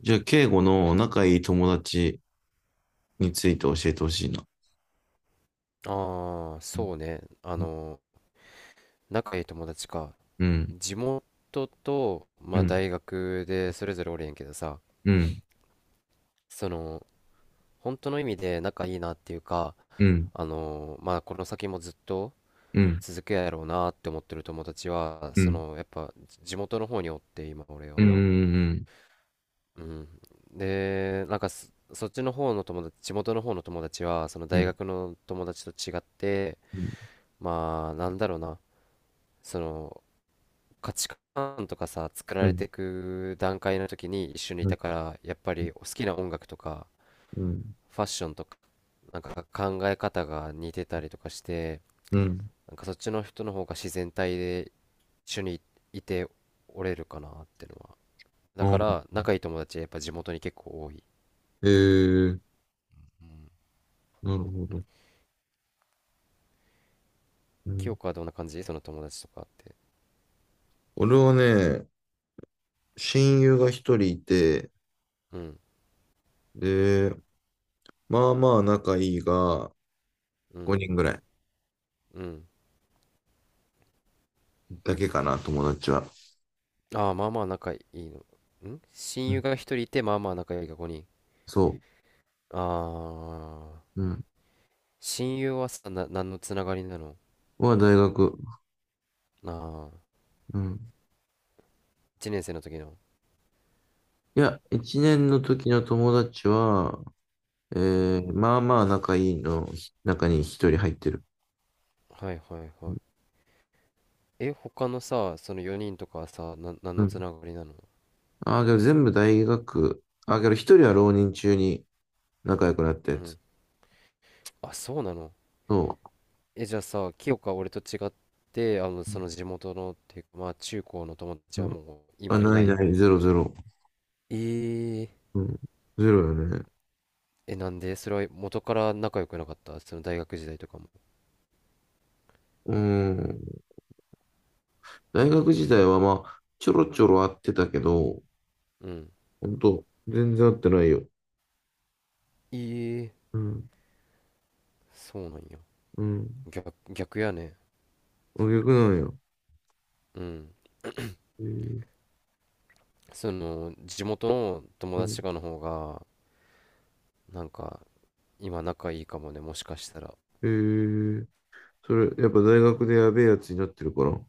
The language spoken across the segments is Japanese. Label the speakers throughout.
Speaker 1: じゃあ、敬語の仲いい友達について教えてほしいな。
Speaker 2: ああ、
Speaker 1: う
Speaker 2: そうね。
Speaker 1: ん、
Speaker 2: 仲いい友達か。
Speaker 1: うん、
Speaker 2: 地元と、ま
Speaker 1: う
Speaker 2: あ、
Speaker 1: ん、
Speaker 2: 大学でそれぞれおるんやけどさ、
Speaker 1: うん、
Speaker 2: その、本当の意味で仲いいなっていうか、
Speaker 1: うん、うん、
Speaker 2: まあ、この先もずっと
Speaker 1: うん、
Speaker 2: 続くやろうなって思ってる友達は、
Speaker 1: うん、
Speaker 2: やっぱ、地元の方におって、今、俺
Speaker 1: う
Speaker 2: は。
Speaker 1: ん、うん、
Speaker 2: うん。で、なんかそっちの方の友達、地元の方の友達は、その
Speaker 1: うん、う
Speaker 2: 大
Speaker 1: ん、
Speaker 2: 学の友達と違って、まあ、なんだろうな。その価値観とかさ、作られていく段階の時に一緒にいたから、やっぱり好きな音楽とか、
Speaker 1: うん、
Speaker 2: ファッションとか、なんか考え方が似てたりとかして、
Speaker 1: うん。
Speaker 2: なんかそっちの人の方が自然体で一緒にいておれるかなってのは。だか
Speaker 1: あ、
Speaker 2: ら、仲いい友達はやっぱ地元に結構多い。
Speaker 1: えー、
Speaker 2: うん。
Speaker 1: なるほど。う
Speaker 2: 清
Speaker 1: ん。
Speaker 2: 子はどんな感じその友達とかって？
Speaker 1: 俺はね、親友が一人いて、
Speaker 2: うん、
Speaker 1: で、まあまあ仲いいが、
Speaker 2: うん、
Speaker 1: 5人ぐらい
Speaker 2: うん。
Speaker 1: だけかな、友達は。
Speaker 2: ああ、まあまあ仲いいの。
Speaker 1: う
Speaker 2: 親友
Speaker 1: ん。
Speaker 2: が一人いて、まあまあ仲いいが5人。
Speaker 1: そ
Speaker 2: ああ。
Speaker 1: う。うん。
Speaker 2: 親友はさ、何のつながりなの？
Speaker 1: は大学。
Speaker 2: ああ、
Speaker 1: うん。
Speaker 2: 1年生の時の。
Speaker 1: いや、1年の時の友達は、
Speaker 2: うん。
Speaker 1: まあまあ仲いいのひ中に一人入ってる。
Speaker 2: はいはいは
Speaker 1: うん。
Speaker 2: い。え、他のさ、その4人とかはさ、何
Speaker 1: う
Speaker 2: のつ
Speaker 1: ん。
Speaker 2: ながりなの？
Speaker 1: ああ、けど全部大学。ああ、けど一人は浪人中に仲良くなったや
Speaker 2: う
Speaker 1: つ。
Speaker 2: ん。あ、そうなの？
Speaker 1: そ
Speaker 2: え、じゃあさ、清香は俺と違って、
Speaker 1: う。う
Speaker 2: その
Speaker 1: ん。
Speaker 2: 地元の、っていうか、まあ、中高の友達
Speaker 1: う
Speaker 2: は
Speaker 1: ん。
Speaker 2: もう、
Speaker 1: あ、
Speaker 2: 今い
Speaker 1: な
Speaker 2: な
Speaker 1: い
Speaker 2: い？
Speaker 1: ない、ゼロゼロ。
Speaker 2: えー、
Speaker 1: うん。ゼロよね。
Speaker 2: え、なんでそれは元から仲良くなかった？その大学時代とかも？
Speaker 1: うん。大学時代はまあ、ちょろちょろ会ってたけど、
Speaker 2: うん。
Speaker 1: ほんと、全然会ってないよ。
Speaker 2: えー、
Speaker 1: うん。
Speaker 2: そうなんや。
Speaker 1: うん。
Speaker 2: 逆、逆やね。
Speaker 1: あ、逆なんや。
Speaker 2: うん。
Speaker 1: えー、
Speaker 2: 地元の友
Speaker 1: う
Speaker 2: 達
Speaker 1: ん。
Speaker 2: とかの方が、なんか、今仲いいかもね、もしかしたら。
Speaker 1: えー、それ、やっぱ大学でやべえやつになってるから。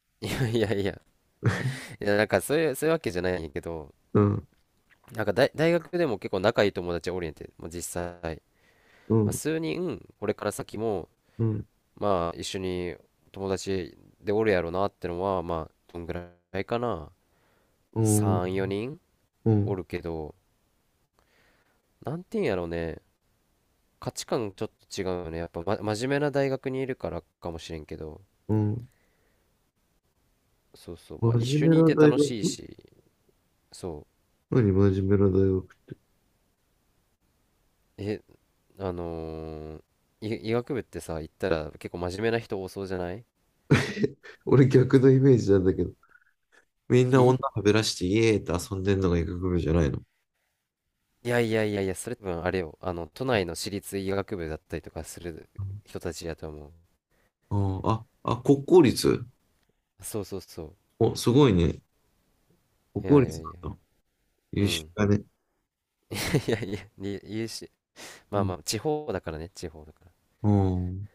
Speaker 2: いやいやいや、いやなんかそういうわけじゃないんやけど、
Speaker 1: うん。
Speaker 2: なんか大学でも結構仲いい友達おりんて、まあ、実際、
Speaker 1: う
Speaker 2: まあ、
Speaker 1: ん。
Speaker 2: 数人、これから先も、
Speaker 1: うん。
Speaker 2: まあ、一緒に友達でおるやろなってのは、まあ、どんぐらいかな。
Speaker 1: うん。
Speaker 2: 3、4人
Speaker 1: う
Speaker 2: お
Speaker 1: ん、
Speaker 2: るけど、なんていうんやろうね、価値観ちょっと違うよね。やっぱ、真面目な大学にいるからかもしれんけど、
Speaker 1: うん。
Speaker 2: そうそう、
Speaker 1: 真
Speaker 2: まあ、一緒
Speaker 1: 面目
Speaker 2: にい
Speaker 1: な
Speaker 2: て
Speaker 1: 大
Speaker 2: 楽
Speaker 1: 学？
Speaker 2: しいし、そ
Speaker 1: 何真面目な大学って。
Speaker 2: う。え、あのー医学部ってさ、行ったら結構真面目な人多そうじゃない？
Speaker 1: 俺逆のイメージなんだけど。みんな女
Speaker 2: え
Speaker 1: はべらしてイエーって遊んでんのが医学部じゃないの？
Speaker 2: いやいやいやいや、それ多分あれよ。都内の私立医学部だったりとかする人たちやと思う。
Speaker 1: うん。ああ、あ、国公立？
Speaker 2: そうそうそ
Speaker 1: お、すごいね。国
Speaker 2: う。い
Speaker 1: 公
Speaker 2: やいや
Speaker 1: 立
Speaker 2: いや。
Speaker 1: なんだ。
Speaker 2: う
Speaker 1: 優秀
Speaker 2: ん。
Speaker 1: だね。
Speaker 2: いやいや、に言うし、ま
Speaker 1: う
Speaker 2: あま
Speaker 1: ん。
Speaker 2: あ、地方だからね、地方だか
Speaker 1: うん。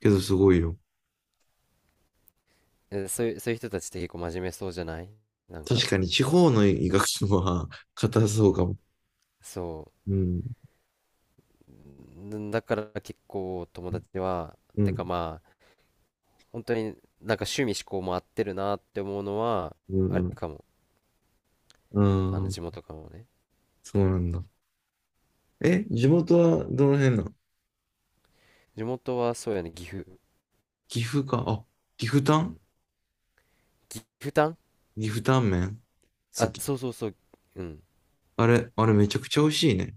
Speaker 1: けどすごいよ。
Speaker 2: ら。え、そういう人たちって結構真面目そうじゃない？なん
Speaker 1: 確
Speaker 2: か、
Speaker 1: かに地方の医学部は 硬そう
Speaker 2: う
Speaker 1: か
Speaker 2: ん。
Speaker 1: も。
Speaker 2: そ
Speaker 1: うん。
Speaker 2: う。だから結構友達は、
Speaker 1: う
Speaker 2: て
Speaker 1: ん。
Speaker 2: かまあ、本当になんか趣味嗜好も合ってるなって思うのは、
Speaker 1: う
Speaker 2: あれ
Speaker 1: ん。
Speaker 2: かも。
Speaker 1: う
Speaker 2: あ
Speaker 1: ん。う
Speaker 2: の地
Speaker 1: ん。
Speaker 2: 元からもね。
Speaker 1: そうなんだ。え、地元はどの辺なの？
Speaker 2: 地元はそうやね、岐阜、
Speaker 1: 岐阜か。あ、岐阜タ
Speaker 2: う
Speaker 1: ン
Speaker 2: ん、岐阜タン。
Speaker 1: 岐阜タンメン好
Speaker 2: あ、
Speaker 1: き。
Speaker 2: そうそうそう。うん。
Speaker 1: あれめちゃくちゃ美味しいね。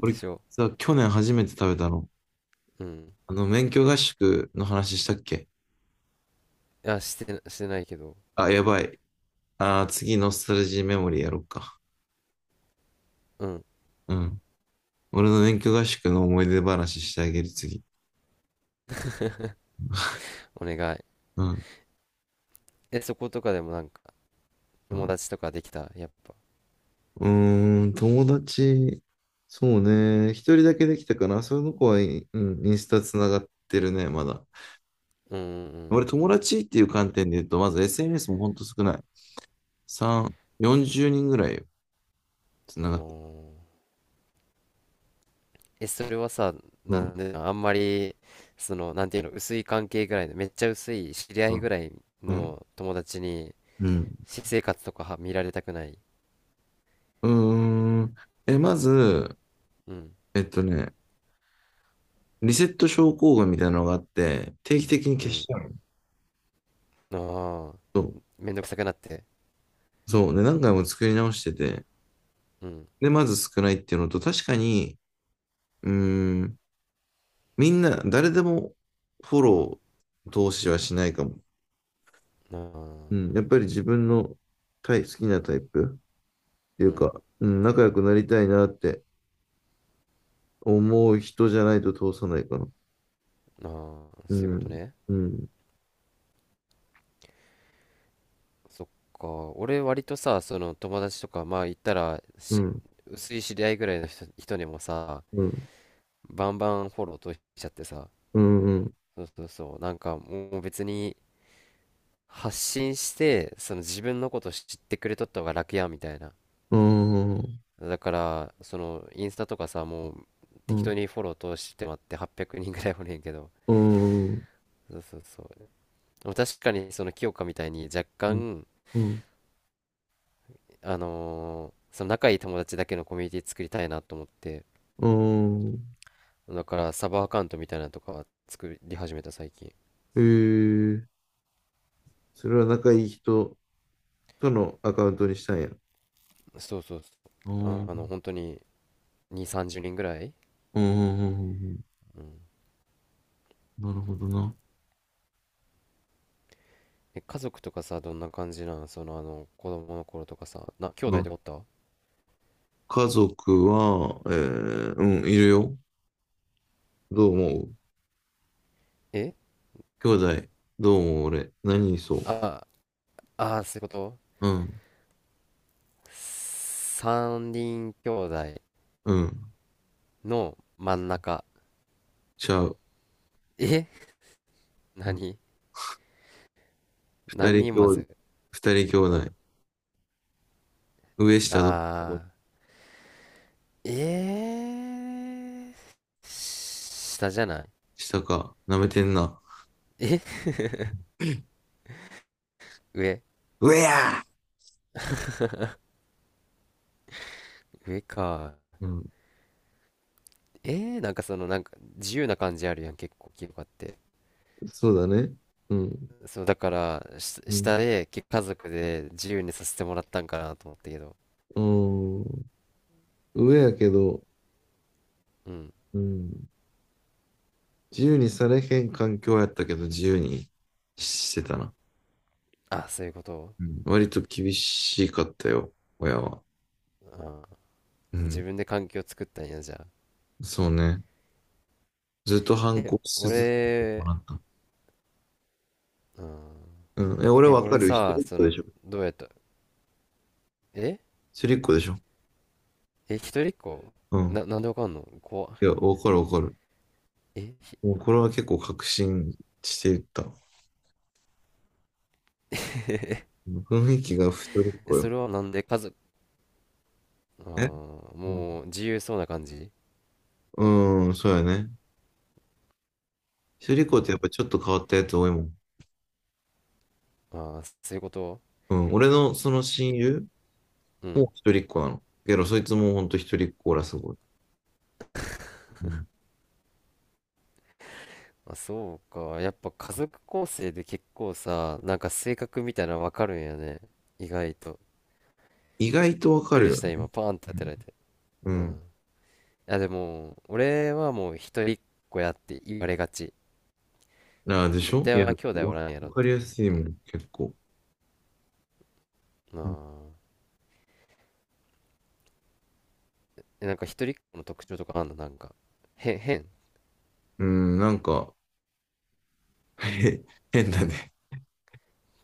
Speaker 1: これ
Speaker 2: しょ？
Speaker 1: さ、去年初めて食べたの。
Speaker 2: うん、
Speaker 1: 免許合宿の話したっけ？
Speaker 2: いや、してないけど。
Speaker 1: あ、やばい。次、ノスタルジーメモリーやろうか。
Speaker 2: うん、
Speaker 1: うん。俺の免許合宿の思い出話してあげる、次。
Speaker 2: お願い。
Speaker 1: うん。
Speaker 2: え、そことかでもなんか
Speaker 1: う
Speaker 2: 友
Speaker 1: ん、
Speaker 2: 達とかできたやっぱ？
Speaker 1: うーん、友達、そうね。一人だけできたかな。その子はインスタつながってるね、まだ。
Speaker 2: うん、う
Speaker 1: 俺、
Speaker 2: ん、
Speaker 1: 友達っていう観点で言うと、まず SNS もほんと少ない。3、40人ぐらいよ。
Speaker 2: うん、うん、
Speaker 1: つながっ。
Speaker 2: おー。え、それはさ、
Speaker 1: う
Speaker 2: な
Speaker 1: ん、
Speaker 2: んであんまり、なんていうの、薄い関係ぐらいのめっちゃ薄い知り合
Speaker 1: う
Speaker 2: い
Speaker 1: ん、
Speaker 2: ぐらい
Speaker 1: うん、
Speaker 2: の友達に
Speaker 1: うん。
Speaker 2: 私生活とかは見られたくない？
Speaker 1: うーん。まず、
Speaker 2: うん、
Speaker 1: えっとね、リセット症候群みたいなのがあって、定期的に
Speaker 2: う
Speaker 1: 消し
Speaker 2: ん、
Speaker 1: ちゃうの。
Speaker 2: ああ、
Speaker 1: そう。
Speaker 2: めんどくさくなって？
Speaker 1: そう。で、何回も作り直してて、
Speaker 2: うん、
Speaker 1: で、まず少ないっていうのと、確かに、うーん、みんな、誰でもフォロー、投資はしないかも。
Speaker 2: あ
Speaker 1: うん。
Speaker 2: ー。
Speaker 1: やっぱり自分の好きなタイプってい
Speaker 2: う
Speaker 1: う
Speaker 2: ん、
Speaker 1: か、うん、仲良くなりたいなって思う人じゃないと通さないかな。
Speaker 2: まあー、
Speaker 1: う
Speaker 2: そういうこ
Speaker 1: ん、
Speaker 2: とね。
Speaker 1: うん、
Speaker 2: そっか。俺割とさ、その友達とか、まあ言ったら
Speaker 1: うん、
Speaker 2: 薄い知り合いぐらいの人にもさ、
Speaker 1: うん、うん、
Speaker 2: バンバンフォローとしちゃってさ。
Speaker 1: うん、うん、
Speaker 2: そうそうそう。なんかもう別に発信して自分のこと知ってくれとった方が楽やみたいな。
Speaker 1: うーん、
Speaker 2: だからそのインスタとかさ、もう
Speaker 1: う
Speaker 2: 適当
Speaker 1: ん、
Speaker 2: にフォロー通してもらって800人ぐらいおねんけど。
Speaker 1: うん、うん、
Speaker 2: そうそうそう。でも確かにその清香みたいに若干
Speaker 1: うん、
Speaker 2: 仲いい友達だけのコミュニティ作りたいなと思って、
Speaker 1: うん。うん。
Speaker 2: だからサブアカウントみたいなのとか作り始めた最近。
Speaker 1: えー、それは仲いい人とのアカウントにしたんや。
Speaker 2: そうそう
Speaker 1: う
Speaker 2: そう。
Speaker 1: ん、う
Speaker 2: あ、
Speaker 1: ん、
Speaker 2: 本当に2、30人ぐらい。
Speaker 1: うん、うん。うん。
Speaker 2: うん、
Speaker 1: なるほどな。
Speaker 2: え、家族とかさ、どんな感じなん？子供の頃とかさ、兄
Speaker 1: う
Speaker 2: 弟
Speaker 1: ん、
Speaker 2: とかおった？
Speaker 1: 家族は、うん、いるよ。どう思う？
Speaker 2: え
Speaker 1: 兄弟、どう思う？俺、何に？そう。
Speaker 2: ああー、そういうこと。
Speaker 1: うん、
Speaker 2: 三人兄弟
Speaker 1: うん、
Speaker 2: の真ん中。
Speaker 1: ちゃう。
Speaker 2: え、
Speaker 1: うん。
Speaker 2: 何
Speaker 1: 二
Speaker 2: 何
Speaker 1: 人
Speaker 2: 人ま
Speaker 1: 兄弟、
Speaker 2: ず？
Speaker 1: 二人兄
Speaker 2: う
Speaker 1: 弟、
Speaker 2: ん。
Speaker 1: 上下どっちだろう？
Speaker 2: ああ。えー、下じゃない？
Speaker 1: 下か、舐めてんな。
Speaker 2: え、上？
Speaker 1: 上や
Speaker 2: 上か。
Speaker 1: ー。うん、
Speaker 2: えー、なんかなんか自由な感じあるやん、結構清香って。
Speaker 1: そうだね。うん。
Speaker 2: そう、だから
Speaker 1: う
Speaker 2: 下
Speaker 1: ん。
Speaker 2: で家族で自由にさせてもらったんかなと思ったけど。
Speaker 1: うん。上やけど、
Speaker 2: うん。
Speaker 1: うん。自由にされへん環境やったけど、自由にしてたな。
Speaker 2: あ、そういうこと。
Speaker 1: うん。割と厳しかったよ、親は。
Speaker 2: あー、
Speaker 1: う
Speaker 2: 自
Speaker 1: ん。
Speaker 2: 分で環境作ったんや、じゃあ。
Speaker 1: そうね。ずっと反
Speaker 2: え、
Speaker 1: 抗し続けても
Speaker 2: 俺、
Speaker 1: らった。
Speaker 2: うん。
Speaker 1: うん。え、俺
Speaker 2: え、
Speaker 1: わか
Speaker 2: 俺
Speaker 1: るよ。一
Speaker 2: さ、
Speaker 1: 人っ子でしょ？
Speaker 2: どうやった？え
Speaker 1: 一人っ子でしょ？
Speaker 2: え、一人っ子？
Speaker 1: うん。
Speaker 2: なんでわかんの？怖っ。
Speaker 1: いや、わかるわかる。
Speaker 2: え、ひ
Speaker 1: もうこれは結構確信していった。うん。雰囲気が一人っ
Speaker 2: え、
Speaker 1: 子
Speaker 2: そ
Speaker 1: よ。
Speaker 2: れはなんで？家族？ああ、
Speaker 1: え。う
Speaker 2: もう自由そうな感じ？
Speaker 1: ん、うん。そうやね。一人っ
Speaker 2: う
Speaker 1: 子っ
Speaker 2: ん。
Speaker 1: てやっぱちょっと変わったやつ多いもん。
Speaker 2: ああ、そういうこと。
Speaker 1: うん、俺のその親
Speaker 2: え
Speaker 1: 友
Speaker 2: うん。
Speaker 1: も一人っ子なの。けど、そいつもほんと一人っ子らすごい。うん、
Speaker 2: あ、そうか。やっぱ家族構成で結構さ、なんか性格みたいなのわかるんやね。意外と。
Speaker 1: 意外とわ
Speaker 2: びっ
Speaker 1: か
Speaker 2: く
Speaker 1: る
Speaker 2: りし
Speaker 1: よ
Speaker 2: た、
Speaker 1: ね。
Speaker 2: 今、パーンって当てられて。
Speaker 1: う
Speaker 2: うん。い
Speaker 1: ん。
Speaker 2: や、でも、俺はもう一人っ子やって言われがち。
Speaker 1: ああ、でし
Speaker 2: 絶
Speaker 1: ょ？
Speaker 2: 対
Speaker 1: いや、
Speaker 2: は兄弟お
Speaker 1: わ
Speaker 2: らんやろっ
Speaker 1: わかりや
Speaker 2: て。
Speaker 1: すいもん、結構。
Speaker 2: なあ。え、なんか一人っ子の特徴とかあんの、なんか？変。
Speaker 1: うん、なんか、へ変だね。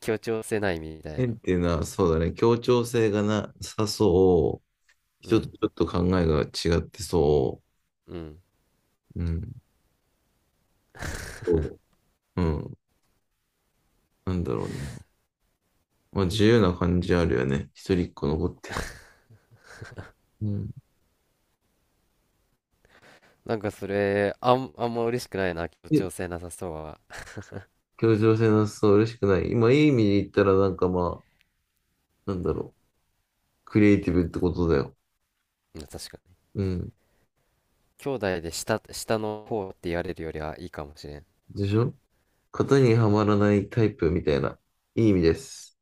Speaker 2: 協調性ないみたい
Speaker 1: 変
Speaker 2: な。
Speaker 1: っていうのは、そうだね。協調性がなさそう。
Speaker 2: う
Speaker 1: 人と
Speaker 2: ん。
Speaker 1: ちょっと考えが違ってそ
Speaker 2: うん。
Speaker 1: う。うん。そう。うん。なんだろうね。まあ、自由な感じあるよね。一人っ子の子って。うん。
Speaker 2: なんかそれ、あんま嬉しくないな、協
Speaker 1: で、
Speaker 2: 調性なさそうは。
Speaker 1: 協調性なさそう、嬉しくない。今、いい意味で言ったら、なんかまあ、なんだろう。クリエイティブってことだよ。
Speaker 2: うん、確かに。
Speaker 1: うん。
Speaker 2: 兄弟で下の方って言われるよりはいいかもしれん。
Speaker 1: でしょ？型にはまらないタイプみたいな。いい意味です。